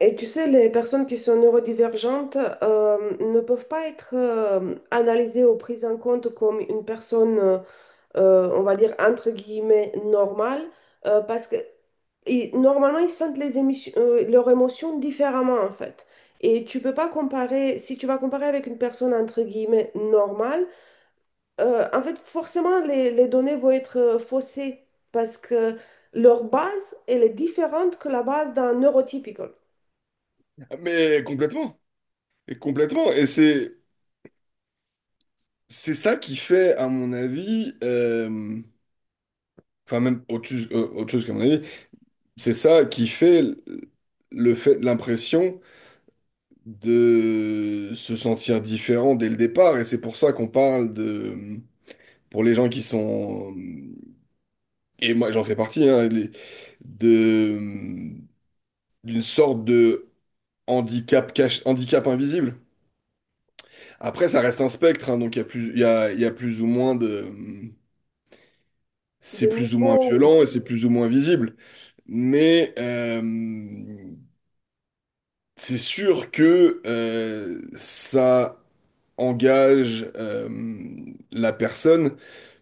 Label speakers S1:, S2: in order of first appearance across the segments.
S1: Et tu sais, les personnes qui sont neurodivergentes ne peuvent pas être analysées ou prises en compte comme une personne, on va dire, entre guillemets, normale, parce que et normalement, ils sentent leurs émotions différemment, en fait. Et tu peux pas comparer, si tu vas comparer avec une personne, entre guillemets, normale, en fait, forcément, les données vont être faussées, parce que leur base, elle est différente que la base d'un neurotypical
S2: Mais complètement, et complètement, et c'est ça qui fait, à mon avis, enfin même autre chose qu'à mon avis, c'est ça qui fait le fait, l'impression de se sentir différent dès le départ, et c'est pour ça qu'on parle de, pour les gens qui sont, et moi j'en fais partie, hein, de d'une sorte de handicap cache, handicap invisible. Après, ça reste un spectre, hein, donc il y a plus, il y a plus ou moins de.
S1: de
S2: C'est plus ou moins
S1: niveau.
S2: violent et c'est plus ou moins visible. Mais c'est sûr que ça engage la personne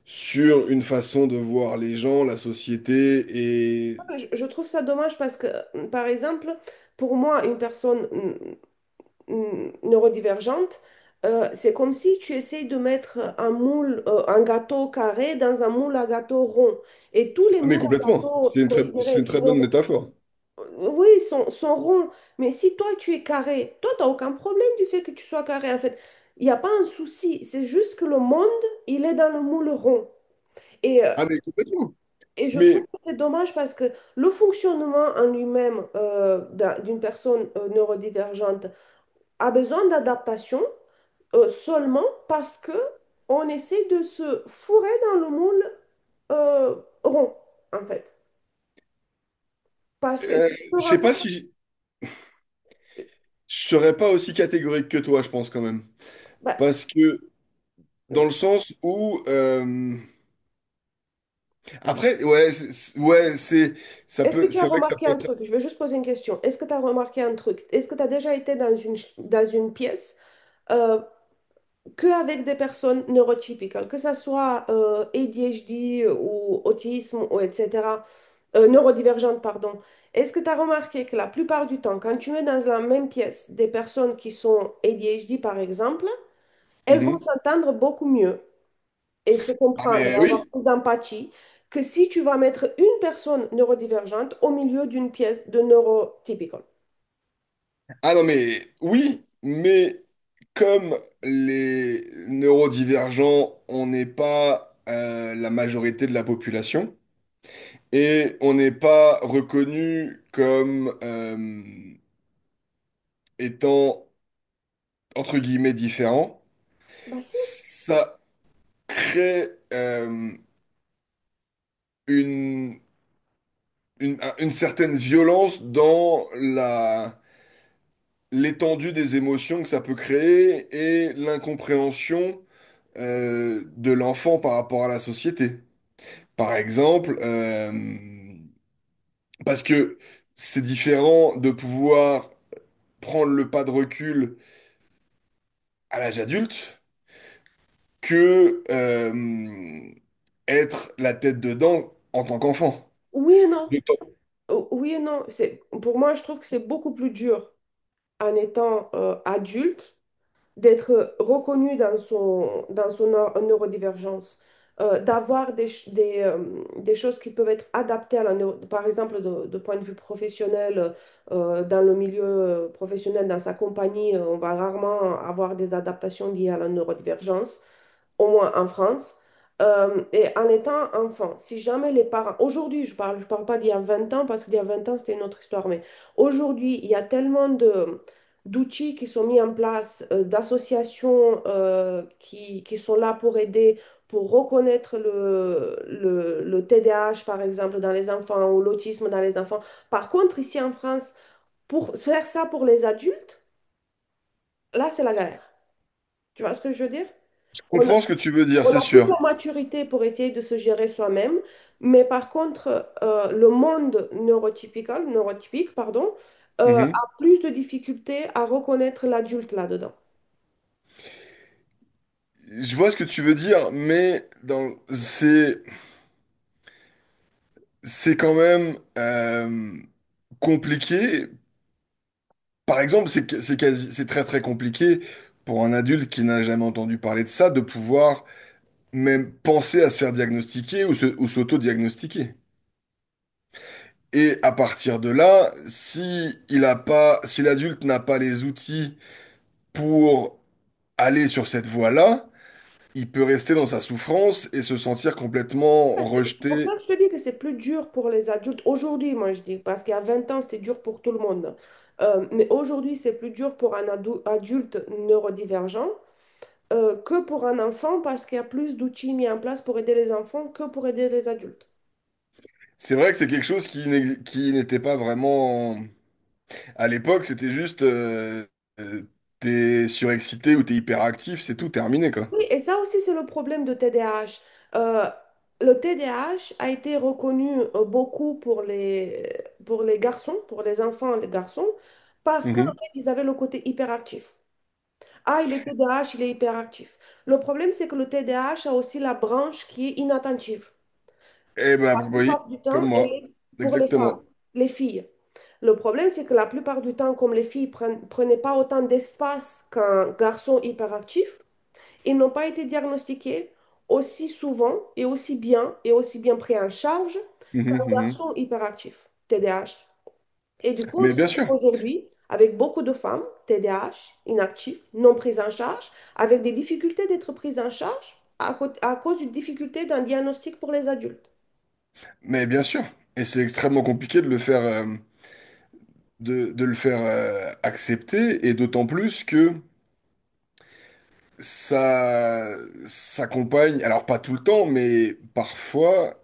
S2: sur une façon de voir les gens, la société et...
S1: Je trouve ça dommage parce que, par exemple, pour moi, une personne neurodivergente, c'est comme si tu essayes de mettre un moule, un gâteau carré dans un moule à gâteau rond. Et tous les
S2: Ah mais
S1: moules à
S2: complètement.
S1: gâteau
S2: C'est une
S1: considérés
S2: très bonne
S1: normaux,
S2: métaphore.
S1: oui, sont ronds. Mais si toi, tu es carré, toi, tu n'as aucun problème du fait que tu sois carré. En fait, il n'y a pas un souci. C'est juste que le monde, il est dans le moule rond. Et euh,
S2: Ah mais complètement.
S1: et je trouve
S2: Mais
S1: que c'est dommage parce que le fonctionnement en lui-même d'une personne neurodivergente a besoin d'adaptation seulement parce que on essaie de se fourrer dans le moule euh, rond, en fait. Parce que
S2: euh,
S1: si tu te
S2: je sais
S1: rends
S2: pas
S1: compte,
S2: si... Je serais pas aussi catégorique que toi, je pense quand même.
S1: bah,
S2: Parce que dans le sens où... Après, ouais, c'est, ça
S1: est-ce que
S2: peut,
S1: tu as
S2: c'est vrai que ça
S1: remarqué
S2: peut
S1: un
S2: être.
S1: truc? Je vais juste poser une question. Est-ce que tu as remarqué un truc? Est-ce que tu as déjà été dans dans une pièce euh, qu'avec des personnes neurotypiques, que ce soit ADHD ou autisme ou etc., neurodivergente, pardon. Est-ce que tu as remarqué que la plupart du temps, quand tu mets dans la même pièce des personnes qui sont ADHD, par exemple, elles vont
S2: Mhm.
S1: s'entendre beaucoup mieux et se
S2: Ah
S1: comprendre,
S2: mais
S1: avoir
S2: oui.
S1: plus d'empathie, que si tu vas mettre une personne neurodivergente au milieu d'une pièce de neurotypical.
S2: Ah non mais oui, mais comme les neurodivergents, on n'est pas la majorité de la population et on n'est pas reconnu comme étant entre guillemets différent,
S1: Bah si,
S2: ça crée une, une certaine violence dans la l'étendue des émotions que ça peut créer et l'incompréhension de l'enfant par rapport à la société. Par exemple, parce que c'est différent de pouvoir prendre le pas de recul à l'âge adulte que être la tête dedans en tant qu'enfant.
S1: oui et non.
S2: Je
S1: O- Oui et non. C'est, pour moi, je trouve que c'est beaucoup plus dur en étant adulte d'être reconnu dans dans son neurodivergence, d'avoir des choses qui peuvent être adaptées à la neuro- par exemple, de point de vue professionnel, dans le milieu professionnel, dans sa compagnie, on va rarement avoir des adaptations liées à la neurodivergence au moins en France. Et en étant enfant, si jamais les parents, aujourd'hui je parle pas d'il y a 20 ans parce qu'il y a 20 ans c'était une autre histoire, mais aujourd'hui il y a tellement d'outils qui sont mis en place, d'associations qui sont là pour aider, pour reconnaître le TDAH, par exemple, dans les enfants ou l'autisme dans les enfants. Par contre, ici en France, pour faire ça pour les adultes, là, c'est la galère. Tu vois ce que je veux dire? On,
S2: comprends ce que tu veux dire,
S1: on
S2: c'est
S1: a plus la
S2: sûr.
S1: maturité pour essayer de se gérer soi-même, mais par contre, le monde neurotypique, pardon,
S2: Mhm.
S1: a plus de difficultés à reconnaître l'adulte là-dedans.
S2: Je vois ce que tu veux dire, mais dans c'est quand même compliqué. Par exemple, c'est quasi, c'est très très compliqué pour un adulte qui n'a jamais entendu parler de ça de pouvoir même penser à se faire diagnostiquer ou se, ou s'auto-diagnostiquer. Et à partir de là, si il a pas, si l'adulte n'a pas les outils pour aller sur cette voie-là, il peut rester dans sa souffrance et se sentir complètement
S1: Ouais, c'est pour
S2: rejeté.
S1: ça que je te dis que c'est plus dur pour les adultes aujourd'hui, moi je dis, parce qu'il y a 20 ans, c'était dur pour tout le monde. Mais aujourd'hui, c'est plus dur pour un adulte neurodivergent que pour un enfant, parce qu'il y a plus d'outils mis en place pour aider les enfants que pour aider les adultes.
S2: C'est vrai que c'est quelque chose qui n'était pas vraiment. À l'époque, c'était juste euh, t'es surexcité ou t'es hyperactif, c'est tout terminé, quoi.
S1: Oui, et ça aussi, c'est le problème de TDAH. Euh, le TDAH a H a été reconnu beaucoup pour les garçons, pour les enfants, et les garçons, parce qu'en
S2: Mhm.
S1: fait, ils avaient le côté hyperactif. Ah, il est TDAH, il est hyperactif. Le problème, c'est que le TDAH a H a aussi la branche qui est inattentive.
S2: Eh
S1: La
S2: ben oui,
S1: plupart du
S2: comme
S1: temps, elle
S2: moi.
S1: est pour les femmes,
S2: Exactement.
S1: les filles. Le problème, c'est que la plupart du temps, comme les filles ne prenaient pas autant d'espace qu'un garçon hyperactif, ils n'ont pas été diagnostiqués aussi souvent et aussi bien pris en charge
S2: Mhm,
S1: qu'un
S2: mhm.
S1: garçon hyperactif, TDAH. Et du coup, on
S2: Mais
S1: se
S2: bien sûr,
S1: retrouve aujourd'hui avec beaucoup de femmes, TDAH, inactives, non prises en charge, avec des difficultés d'être prises en charge à cause d'une difficulté d'un diagnostic pour les adultes.
S2: mais bien sûr. Et c'est extrêmement compliqué de le faire accepter, et d'autant plus que ça s'accompagne, alors pas tout le temps, mais parfois,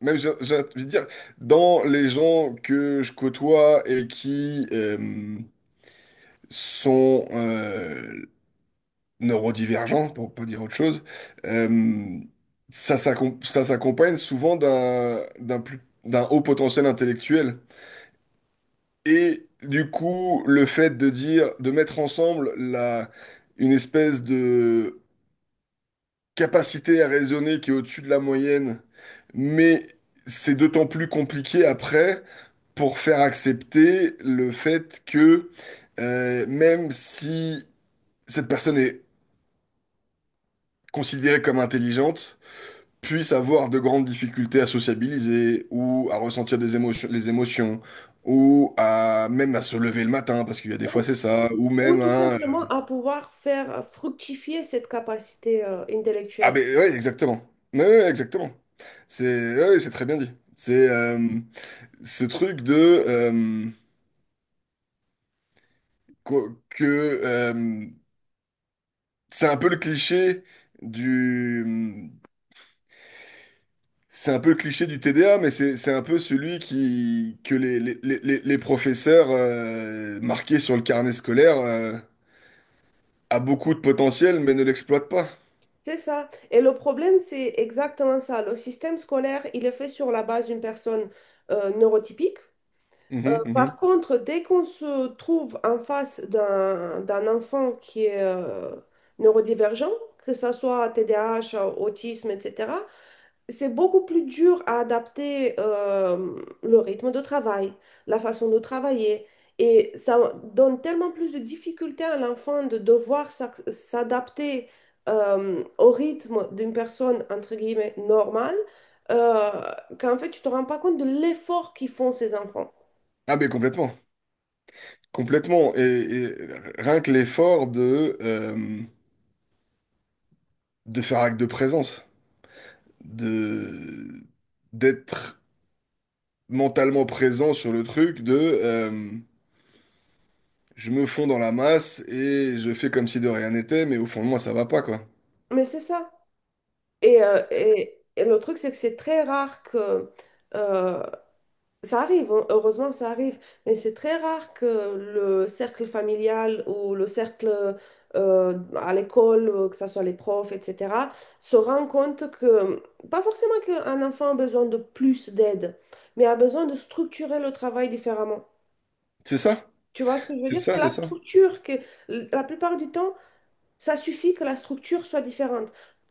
S2: même, j'ai envie de dire, dans les gens que je côtoie et qui... sont neurodivergents, pour pas dire autre chose, euh, ça s'accompagne souvent d'un d'un haut potentiel intellectuel. Et du coup, le fait de dire, de mettre ensemble la, une espèce de capacité à raisonner qui est au-dessus de la moyenne, mais c'est d'autant plus compliqué après pour faire accepter le fait que même si cette personne est considérée comme intelligente puisse avoir de grandes difficultés à sociabiliser ou à ressentir des émotions, les émotions ou à même à se lever le matin parce qu'il y a des fois
S1: Ou,
S2: c'est ça ou
S1: ou
S2: même
S1: tout
S2: à...
S1: simplement à pouvoir faire fructifier cette capacité
S2: Ah
S1: intellectuelle.
S2: ben ouais exactement. Ouais, ouais, exactement. C'est ouais, ouais, c'est très bien dit. C'est ce truc de que euh, c'est un peu le cliché du. C'est un peu le cliché du TDA, mais c'est un peu celui qui que les, les professeurs marqués sur le carnet scolaire a beaucoup de potentiel, mais ne l'exploitent pas.
S1: C'est ça. Et le problème, c'est exactement ça. Le système scolaire, il est fait sur la base d'une personne neurotypique.
S2: Mhm,
S1: Par
S2: mhm.
S1: contre, dès qu'on se trouve en face d'un enfant qui est neurodivergent, que ce soit TDAH, autisme, etc., c'est beaucoup plus dur à adapter le rythme de travail, la façon de travailler. Et ça donne tellement plus de difficultés à l'enfant de devoir s'adapter au rythme d'une personne, entre guillemets, normale, euh, qu'en fait, tu te rends pas compte de l'effort qu'ils font ces enfants.
S2: Ah mais complètement, complètement. Et rien que l'effort de faire acte de présence, de d'être mentalement présent sur le truc, de je me fonds dans la masse et je fais comme si de rien n'était, mais au fond de moi ça va pas quoi.
S1: Mais c'est ça. Et et le truc, c'est que c'est très rare que euh, ça arrive, hein, heureusement, ça arrive, mais c'est très rare que le cercle familial ou le cercle à l'école, que ce soit les profs, etc., se rend compte que, pas forcément qu'un enfant a besoin de plus d'aide, mais a besoin de structurer le travail différemment.
S2: C'est ça,
S1: Tu vois ce que je veux
S2: c'est
S1: dire?
S2: ça,
S1: C'est
S2: c'est
S1: la
S2: ça.
S1: structure que, la plupart du temps, ça suffit que la structure soit différente.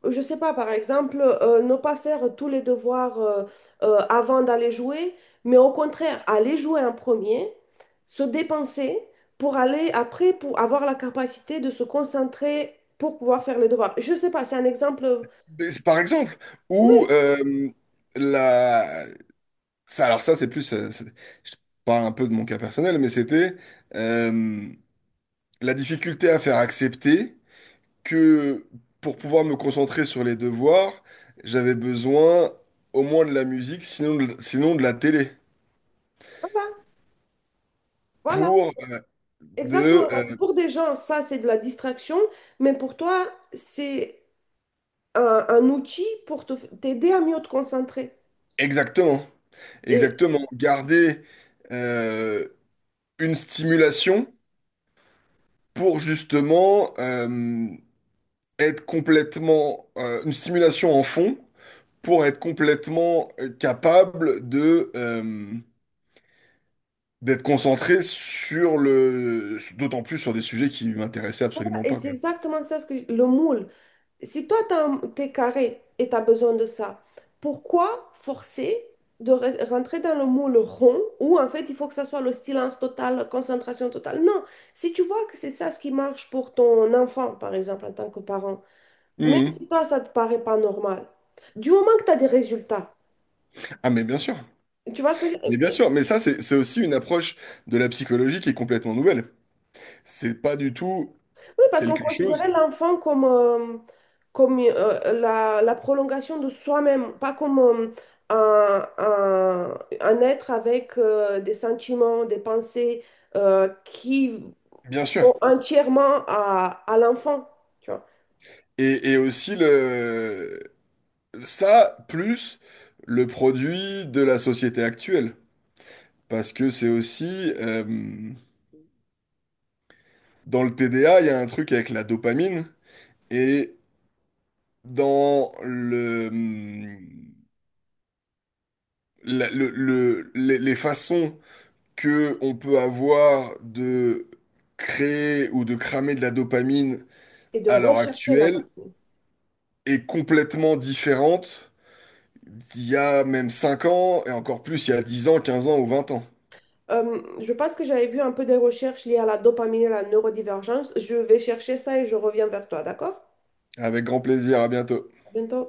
S1: Je sais pas, par exemple, ne pas faire tous les devoirs avant d'aller jouer, mais au contraire, aller jouer en premier, se dépenser pour aller après, pour avoir la capacité de se concentrer pour pouvoir faire les devoirs. Je sais pas, c'est un exemple.
S2: Mais c'est. Par exemple, ou
S1: Oui,
S2: la... Ça, alors ça c'est plus, je parle un peu de mon cas personnel, mais c'était euh, la difficulté à faire accepter que pour pouvoir me concentrer sur les devoirs, j'avais besoin au moins de la musique, sinon de la télé,
S1: voilà, voilà,
S2: pour de
S1: exactement. Parce que pour des gens, ça, c'est de la distraction, mais pour toi, c'est un outil pour t'aider à mieux te concentrer.
S2: exactement,
S1: Et
S2: exactement garder euh, une stimulation pour justement être complètement une stimulation en fond pour être complètement capable de d'être concentré sur le d'autant plus sur des sujets qui m'intéressaient absolument
S1: Et
S2: pas
S1: c'est
S2: quoi.
S1: exactement ça, ce que le moule. Si toi, t'es carré et tu as besoin de ça, pourquoi forcer de rentrer dans le moule rond où en fait il faut que ça soit le silence total, concentration totale? Non, si tu vois que c'est ça ce qui marche pour ton enfant, par exemple, en tant que parent, même
S2: Mhm.
S1: si toi, ça te paraît pas normal, du moment que tu as des résultats,
S2: Ah mais bien sûr,
S1: tu vois ce que je veux
S2: mais bien
S1: dire?
S2: sûr, mais ça c'est aussi une approche de la psychologie qui est complètement nouvelle. C'est pas du tout
S1: Oui, parce qu'on
S2: quelque
S1: considérait
S2: chose,
S1: l'enfant comme, la, la prolongation de soi-même, pas comme un, un être avec des sentiments, des pensées qui
S2: bien sûr.
S1: sont entièrement à l'enfant, tu vois,
S2: Et aussi le ça plus le produit de la société actuelle. Parce que c'est aussi, dans le TDA, il y a un truc avec la dopamine et dans le, mm, la- les façons que on peut avoir de créer ou de cramer de la dopamine
S1: et de
S2: à l'heure
S1: rechercher la
S2: actuelle
S1: dopamine.
S2: est complètement différente d'il y a même 5 ans et encore plus il y a 10 ans, 15 ans ou 20 ans.
S1: Je pense que j'avais vu un peu des recherches liées à la dopamine et à la neurodivergence. Je vais chercher ça et je reviens vers toi, d'accord?
S2: Avec grand plaisir, à bientôt.
S1: À bientôt.